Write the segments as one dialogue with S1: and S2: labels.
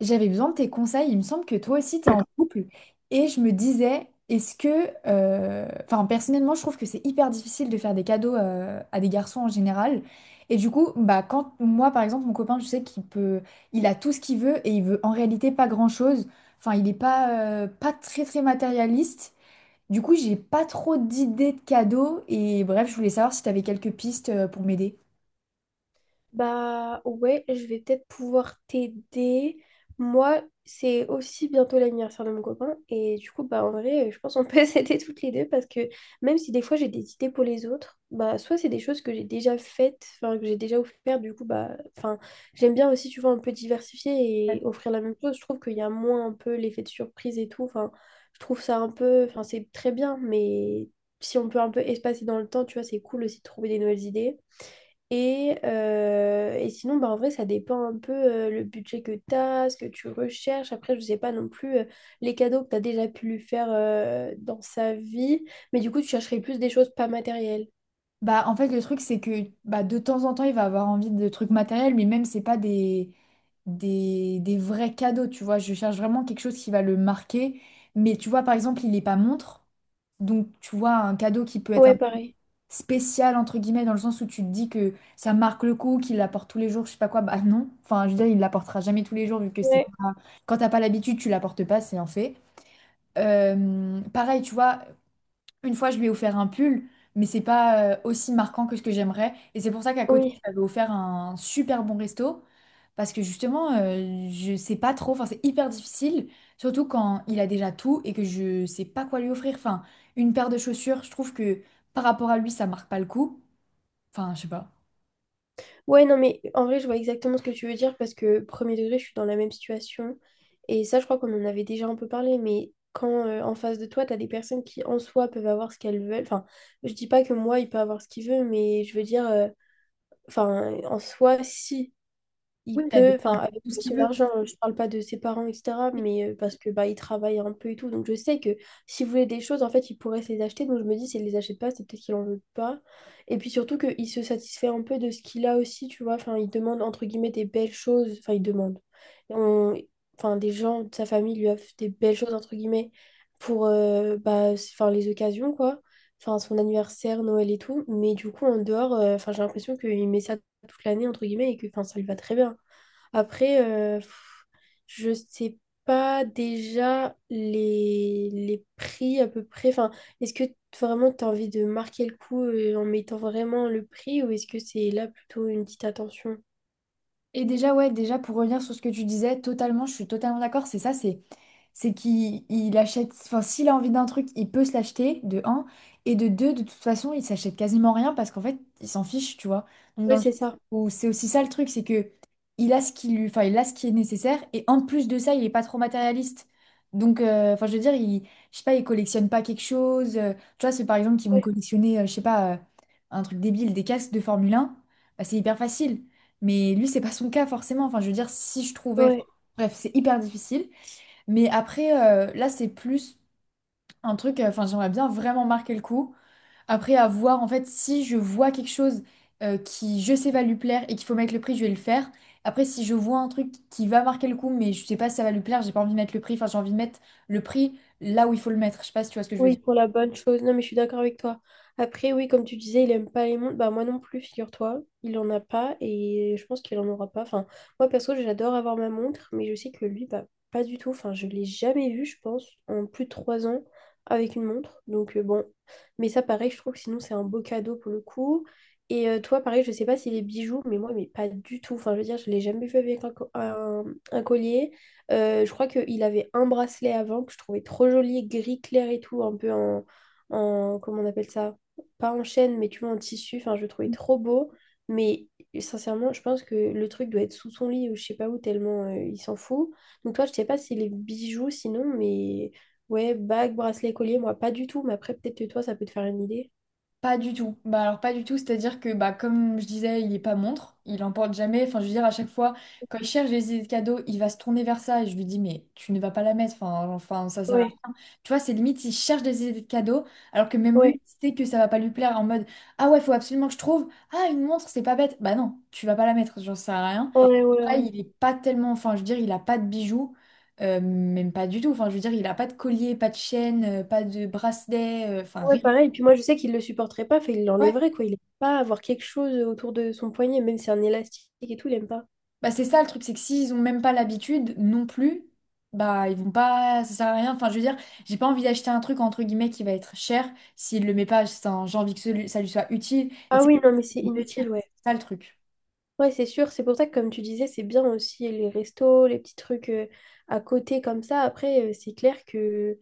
S1: J'avais besoin de tes conseils. Il me semble que toi aussi, tu es en couple. Et je me disais, Enfin, personnellement, je trouve que c'est hyper difficile de faire des cadeaux à des garçons en général. Et du coup, bah, quand moi, par exemple, mon copain, je sais qu'il peut... Il a tout ce qu'il veut et il veut en réalité pas grand-chose. Enfin, il n'est pas, pas très, très matérialiste. Du coup, j'ai pas trop d'idées de cadeaux. Et bref, je voulais savoir si tu avais quelques pistes pour m'aider.
S2: Bah ouais, je vais peut-être pouvoir t'aider. Moi, c'est aussi bientôt l'anniversaire de mon copain. Et du coup, bah en vrai, je pense qu'on peut s'aider toutes les deux parce que même si des fois j'ai des idées pour les autres, bah soit c'est des choses que j'ai déjà faites, enfin que j'ai déjà offert, du coup, bah, enfin, j'aime bien aussi, tu vois, un peu diversifier et offrir la même chose. Je trouve qu'il y a moins un peu l'effet de surprise et tout. Enfin, je trouve ça un peu, enfin, c'est très bien, mais si on peut un peu espacer dans le temps, tu vois, c'est cool aussi de trouver des nouvelles idées. Et sinon, bah, en vrai, ça dépend un peu le budget que tu as, ce que tu recherches. Après, je sais pas non plus les cadeaux que tu as déjà pu lui faire dans sa vie. Mais du coup, tu chercherais plus des choses pas matérielles.
S1: Bah, en fait, le truc, c'est que bah, de temps en temps, il va avoir envie de trucs matériels, mais même, c'est pas des vrais cadeaux, tu vois. Je cherche vraiment quelque chose qui va le marquer. Mais tu vois, par exemple, il n'est pas montre. Donc, tu vois, un cadeau qui peut être un
S2: Ouais, pareil.
S1: spécial, entre guillemets, dans le sens où tu te dis que ça marque le coup, qu'il l'apporte tous les jours, je sais pas quoi. Bah non. Enfin, je veux dire, il l'apportera jamais tous les jours, vu que c'est
S2: Ouais,
S1: pas... Quand t'as pas l'habitude, tu l'apportes pas, c'est un fait. Pareil, tu vois, une fois, je lui ai offert un pull, mais c'est pas aussi marquant que ce que j'aimerais. Et c'est pour ça qu'à côté, je
S2: oui.
S1: lui avais offert un super bon resto. Parce que justement, je sais pas trop, enfin, c'est hyper difficile, surtout quand il a déjà tout et que je sais pas quoi lui offrir. Enfin, une paire de chaussures, je trouve que par rapport à lui, ça marque pas le coup. Enfin, je sais pas.
S2: Ouais, non, mais en vrai, je vois exactement ce que tu veux dire parce que premier degré, je suis dans la même situation. Et ça, je crois qu'on en avait déjà un peu parlé. Mais quand en face de toi, tu as des personnes qui, en soi, peuvent avoir ce qu'elles veulent. Enfin, je dis pas que moi, il peut avoir ce qu'il veut, mais je veux dire. Enfin, en soi, si, il
S1: Oui, il a
S2: peut,
S1: déjà
S2: enfin,
S1: un peu
S2: avec
S1: tout ce qu'il
S2: son
S1: veut.
S2: argent, je parle pas de ses parents, etc., mais parce que bah, il travaille un peu et tout. Donc, je sais que s'il voulait des choses, en fait, il pourrait se les acheter. Donc, je me dis, s'il les achète pas, c'est peut-être qu'il en veut pas. Et puis surtout qu'il se satisfait un peu de ce qu'il a aussi, tu vois. Enfin, il demande, entre guillemets, des belles choses. Enfin, il demande. On- Enfin, des gens de sa famille lui offrent des belles choses, entre guillemets, pour bah, enfin, les occasions, quoi enfin son anniversaire, Noël et tout, mais du coup en dehors, enfin j'ai l'impression qu'il met ça toute l'année, entre guillemets, et que enfin, ça lui va très bien. Après, je sais pas déjà les prix à peu près. Enfin, est-ce que vraiment tu as envie de marquer le coup en mettant vraiment le prix ou est-ce que c'est là plutôt une petite attention?
S1: Et déjà, ouais, déjà pour revenir sur ce que tu disais, totalement, je suis totalement d'accord, c'est ça, c'est qu'il achète, enfin s'il a envie d'un truc, il peut se l'acheter, de un, et de deux, de toute façon, il s'achète quasiment rien parce qu'en fait, il s'en fiche, tu vois. Donc dans
S2: Ouais,
S1: le sens
S2: c'est ça.
S1: où c'est aussi ça le truc, c'est que il a ce qui lui, enfin il a ce qui est nécessaire, et en plus de ça, il est pas trop matérialiste. Donc, enfin je veux dire, je sais pas, il collectionne pas quelque chose, tu vois, c'est par exemple qu'ils vont
S2: Ouais,
S1: collectionner, je sais pas, un truc débile, des casques de Formule un, bah, c'est hyper facile. Mais lui, c'est pas son cas forcément. Enfin, je veux dire, si je trouvais. Enfin,
S2: ouais.
S1: bref, c'est hyper difficile. Mais après, là, c'est plus un truc. Enfin, j'aimerais bien vraiment marquer le coup. Après, à voir, en fait, si je vois quelque chose qui, je sais, va lui plaire et qu'il faut mettre le prix, je vais le faire. Après, si je vois un truc qui va marquer le coup, mais je sais pas si ça va lui plaire, j'ai pas envie de mettre le prix. Enfin, j'ai envie de mettre le prix là où il faut le mettre. Je sais pas si tu vois ce que je veux
S2: Oui,
S1: dire.
S2: pour la bonne chose. Non, mais je suis d'accord avec toi. Après, oui, comme tu disais, il aime pas les montres. Bah, moi non plus, figure-toi. Il en a pas et je pense qu'il en aura pas. Enfin, moi perso, j'adore avoir ma montre, mais je sais que lui, bah, pas du tout. Enfin, je l'ai jamais vu, je pense, en plus de 3 ans avec une montre. Donc, bon. Mais ça, pareil, je trouve que sinon, c'est un beau cadeau pour le coup. Et toi, pareil, je sais pas si les bijoux, mais moi, mais pas du tout. Enfin, je veux dire, je l'ai jamais vu avec un, co- un collier. Je crois qu'il avait un bracelet avant que je trouvais trop joli, gris clair et tout, un peu en, comment on appelle ça? Pas en chaîne, mais tu vois, en tissu. Enfin, je le trouvais trop beau. Mais sincèrement, je pense que le truc doit être sous son lit ou je sais pas où, tellement il s'en fout. Donc toi, je sais pas si les bijoux sinon, mais ouais, bague, bracelet, collier, moi pas du tout. Mais après, peut-être que toi, ça peut te faire une idée.
S1: Pas du tout. Bah alors pas du tout, c'est-à-dire que bah comme je disais, il est pas montre, il en porte jamais. Enfin, je veux dire à chaque fois quand il cherche des idées de cadeaux, il va se tourner vers ça et je lui dis mais tu ne vas pas la mettre. Enfin, ça sert à...
S2: Ouais,
S1: Tu vois, c'est limite il cherche des idées de cadeaux alors que même
S2: ouais,
S1: lui il sait que ça va pas lui plaire en mode ah ouais, faut absolument que je trouve ah une montre, c'est pas bête. Bah non, tu vas pas la mettre, j'en sers à rien.
S2: ouais, ouais,
S1: Pareil,
S2: ouais.
S1: il est pas tellement enfin je veux dire, il a pas de bijoux. Même pas du tout. Enfin, je veux dire, il a pas de collier, pas de chaîne, pas de bracelet, enfin
S2: Ouais,
S1: rien.
S2: pareil. Et puis moi, je sais qu'il le supporterait pas, fait, il
S1: Ouais.
S2: l'enlèverait, quoi. Il aime pas avoir quelque chose autour de son poignet, même si c'est un élastique et tout, il aime pas.
S1: Bah c'est ça le truc, c'est que s'ils ont même pas l'habitude non plus, bah ils vont pas, ça sert à rien. Enfin je veux dire, j'ai pas envie d'acheter un truc entre guillemets qui va être cher s'il le met pas, enfin, j'ai envie que ça lui soit utile et que
S2: Ah
S1: ça
S2: oui, non, mais c'est
S1: lui fasse plaisir.
S2: inutile, ouais.
S1: C'est ça le truc.
S2: Ouais, c'est sûr. C'est pour ça que, comme tu disais, c'est bien aussi les restos, les petits trucs à côté comme ça. Après, c'est clair que...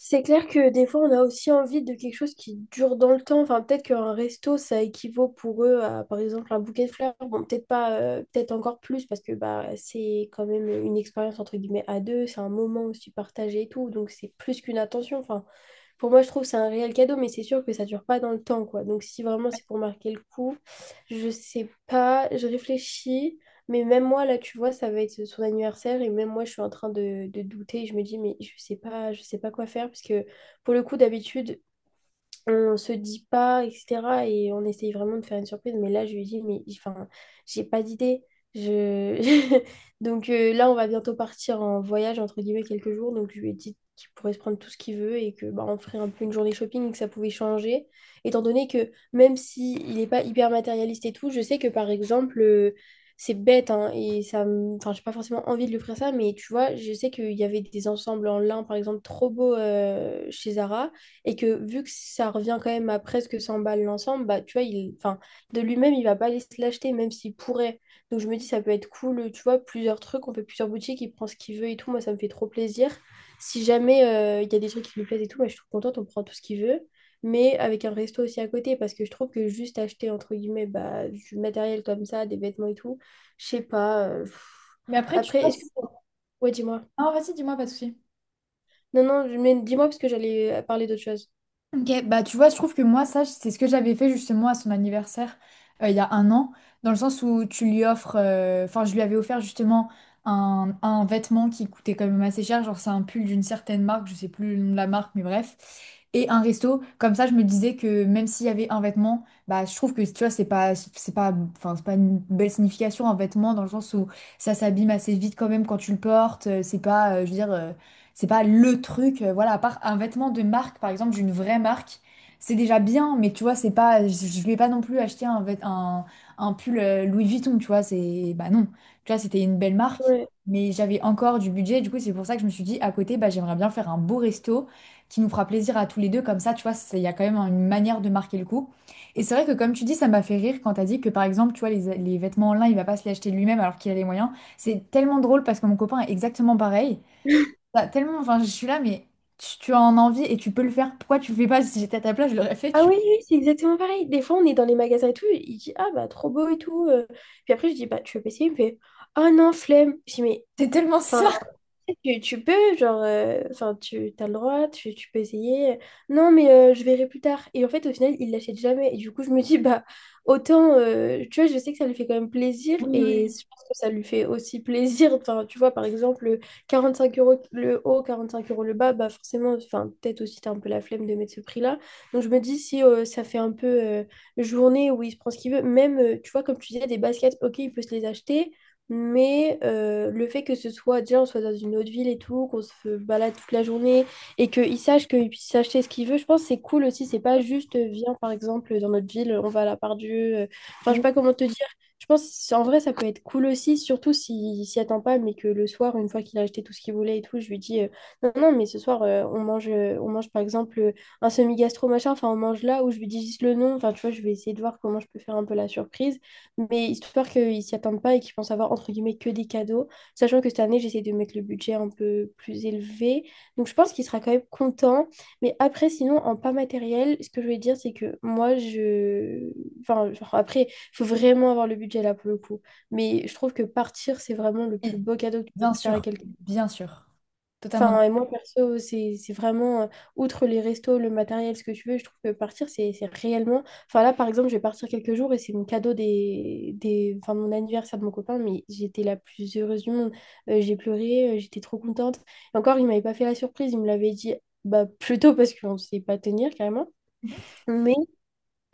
S2: C'est clair que des fois, on a aussi envie de quelque chose qui dure dans le temps. Enfin, peut-être qu'un resto, ça équivaut pour eux à, par exemple, un bouquet de fleurs. Bon, peut-être pas, peut-être encore plus, parce que bah, c'est quand même une expérience, entre guillemets, à deux. C'est un moment aussi partagé et tout. Donc, c'est plus qu'une attention. Enfin, pour moi, je trouve que c'est un réel cadeau, mais c'est sûr que ça dure pas dans le temps, quoi. Donc, si vraiment c'est pour marquer le coup, je sais pas, je réfléchis, mais même moi, là, tu vois, ça va être son anniversaire, et même moi, je suis en train de douter, je me dis, mais je sais pas quoi faire, parce que pour le coup, d'habitude, on se dit pas, etc. Et on essaye vraiment de faire une surprise. Mais là, je lui dis, mais enfin, j'ai pas d'idée. Je... Donc là, on va bientôt partir en voyage, entre guillemets, quelques jours. Donc je lui ai dit qu'il pourrait se prendre tout ce qu'il veut et que bah, on ferait un peu une journée shopping, et que ça pouvait changer. Étant donné que même s'il n'est pas hyper matérialiste et tout, je sais que par exemple, c'est bête, hein, et ça me... enfin, j'ai pas forcément envie de lui offrir ça, mais tu vois, je sais qu'il y avait des ensembles en lin, par exemple, trop beaux chez Zara et que vu que ça revient quand même à presque 100 balles l'ensemble, bah, tu vois, il, enfin, de lui-même, il va pas aller se l'acheter, même s'il pourrait. Donc je me dis, ça peut être cool, tu vois, plusieurs trucs, on fait plusieurs boutiques, il prend ce qu'il veut et tout, moi, ça me fait trop plaisir. Si jamais il y a des trucs qui lui plaisent et tout, moi, je suis trop contente, on prend tout ce qu'il veut, mais avec un resto aussi à côté, parce que je trouve que juste acheter, entre guillemets, bah, du matériel comme ça, des vêtements et tout, je sais pas. Pff.
S1: Mais après tu
S2: Après, est-ce que...
S1: passes.
S2: Ouais, dis-moi.
S1: Ah vas-y, dis-moi pas de souci.
S2: Non, non, mais dis-moi parce que j'allais parler d'autre chose.
S1: Ok, bah tu vois, je trouve que moi, ça, c'est ce que j'avais fait justement à son anniversaire il y a un an, dans le sens où tu lui offres, enfin, je lui avais offert justement un vêtement qui coûtait quand même assez cher, genre c'est un pull d'une certaine marque, je sais plus le nom de la marque, mais bref, et un resto. Comme ça, je me disais que même s'il y avait un vêtement, bah je trouve que tu vois, c'est pas, enfin, c'est pas une belle signification un vêtement, dans le sens où ça s'abîme assez vite quand même quand tu le portes, c'est pas, je veux dire. C'est pas le truc, voilà, à part un vêtement de marque, par exemple, d'une vraie marque, c'est déjà bien, mais tu vois, c'est pas, je vais pas non plus acheter un pull Louis Vuitton, tu vois, c'est, bah non, tu vois, c'était une belle marque,
S2: Ouais.
S1: mais j'avais encore du budget, du coup, c'est pour ça que je me suis dit, à côté, bah, j'aimerais bien faire un beau resto qui nous fera plaisir à tous les deux, comme ça, tu vois, il y a quand même une manière de marquer le coup. Et c'est vrai que, comme tu dis, ça m'a fait rire quand t'as dit que, par exemple, tu vois, les vêtements en lin, il va pas se les acheter lui-même alors qu'il a les moyens. C'est tellement drôle parce que mon copain est exactement pareil. Bah, tellement, enfin, je suis là, mais tu en as envie et tu peux le faire. Pourquoi tu le fais pas? Si j'étais à ta place, je l'aurais fait.
S2: Ah
S1: Tu...
S2: oui, oui, c'est exactement pareil. Des fois, on est dans les magasins et tout, il dit «Ah bah trop beau et tout». Puis après, je dis «Bah tu veux essayer?» Il me fait «Ah non, flemme». Je dis «Mais,
S1: C'est tellement
S2: enfin,
S1: ça.
S2: tu peux, genre, enfin, tu as le droit, tu peux essayer. Non, mais je verrai plus tard. Et en fait, au final, il l'achète jamais. Et du coup, je me dis, bah, autant, tu vois, je sais que ça lui fait quand même plaisir
S1: Oui,
S2: et
S1: oui,
S2: je pense que ça lui fait aussi plaisir. Enfin, tu vois, par exemple, 45 euros le haut, 45 euros le bas, bah, forcément, enfin, peut-être aussi, t'as un peu la flemme de mettre ce prix-là. Donc, je me dis, si ça fait un peu journée où il se prend ce qu'il veut, même, tu vois, comme tu disais, des baskets, ok, il peut se les acheter. Mais le fait que ce soit, déjà, on soit dans une autre ville et tout, qu'on se balade toute la journée et qu'il sache qu'il puisse acheter ce qu'il veut, je pense que c'est cool aussi. C'est pas juste, viens, par exemple, dans notre ville, on va à la Part Dieu. Enfin, je sais pas comment te dire. Je pense, c'est- en vrai, ça peut être cool aussi, surtout s'il s'y attend pas, mais que le soir, une fois qu'il a acheté tout ce qu'il voulait et tout, je lui dis, non, non, mais ce soir, on mange, par exemple, un semi-gastro, machin. Enfin, on mange là où je lui dis juste le nom. Enfin, tu vois, je vais essayer de voir comment je peux faire un peu la surprise mais histoire qu'ils s'y attendent pas et qu'ils pensent avoir entre guillemets que des cadeaux, sachant que cette année j'essaie de mettre le budget un peu plus élevé, donc je pense qu'il sera quand même content, mais après sinon en pas matériel, ce que je voulais dire c'est que moi je, enfin genre, après il faut vraiment avoir le budget là pour le coup, mais je trouve que partir c'est vraiment le
S1: oui.
S2: plus beau cadeau que tu peux
S1: Bien
S2: faire à
S1: sûr,
S2: quelqu'un.
S1: bien sûr. Totalement
S2: Enfin,
S1: d'accord.
S2: et moi, perso, c'est vraiment, outre les restos, le matériel, ce que tu veux, je trouve que partir, c'est réellement... Enfin, là, par exemple, je vais partir quelques jours et c'est mon cadeau Enfin, mon anniversaire de mon copain, mais j'étais la plus heureuse du monde. J'ai pleuré, j'étais trop contente. Et encore, il m'avait pas fait la surprise, il me l'avait dit bah, plutôt parce qu'on ne sait pas tenir, carrément.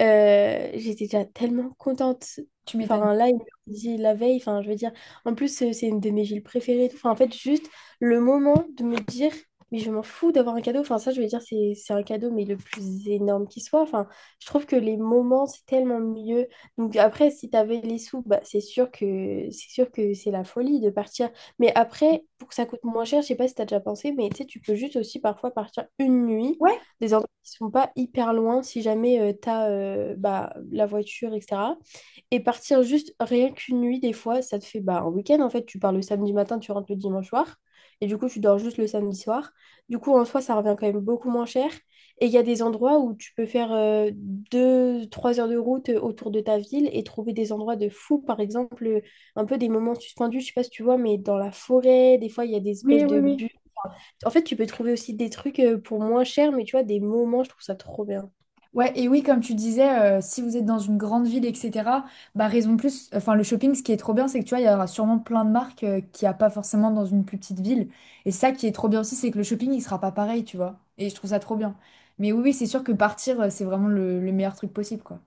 S2: J'étais déjà tellement contente.
S1: Tu m'étonnes.
S2: Enfin, là, il me dit la veille, enfin, je veux dire, en plus, c'est une de mes villes préférées. Et tout. Enfin, en fait, juste le moment de me dire, mais je m'en fous d'avoir un cadeau. Enfin, ça, je veux dire, c'est un cadeau, mais le plus énorme qui soit. Enfin, je trouve que les moments, c'est tellement mieux. Donc, après, si t'avais les sous, bah, c'est sûr que c'est sûr que c'est la folie de partir. Mais après, pour que ça coûte moins cher, je sais pas si t'as déjà pensé, mais tu sais, tu peux juste aussi parfois partir une nuit
S1: Ouais,
S2: des endroits qui sont pas hyper loin si jamais tu as bah, la voiture, etc. Et partir juste rien qu'une nuit, des fois, ça te fait bah, un week-end en fait. Tu pars le samedi matin, tu rentres le dimanche soir. Et du coup, tu dors juste le samedi soir. Du coup, en soi, ça revient quand même beaucoup moins cher. Et il y a des endroits où tu peux faire 2, 3 heures de route autour de ta ville et trouver des endroits de fou. Par exemple, un peu des moments suspendus, je sais pas si tu vois, mais dans la forêt, des fois, il y a des
S1: oui,
S2: espèces
S1: oui,
S2: de
S1: oui.
S2: en fait, tu peux trouver aussi des trucs pour moins cher, mais tu vois, des moments, je trouve ça trop bien.
S1: Ouais, et oui, comme tu disais, si vous êtes dans une grande ville, etc., bah raison de plus, enfin le shopping, ce qui est trop bien, c'est que tu vois, il y aura sûrement plein de marques qu'il n'y a pas forcément dans une plus petite ville. Et ça qui est trop bien aussi, c'est que le shopping, il sera pas pareil, tu vois. Et je trouve ça trop bien. Mais oui, oui, c'est sûr que partir, c'est vraiment le meilleur truc possible, quoi.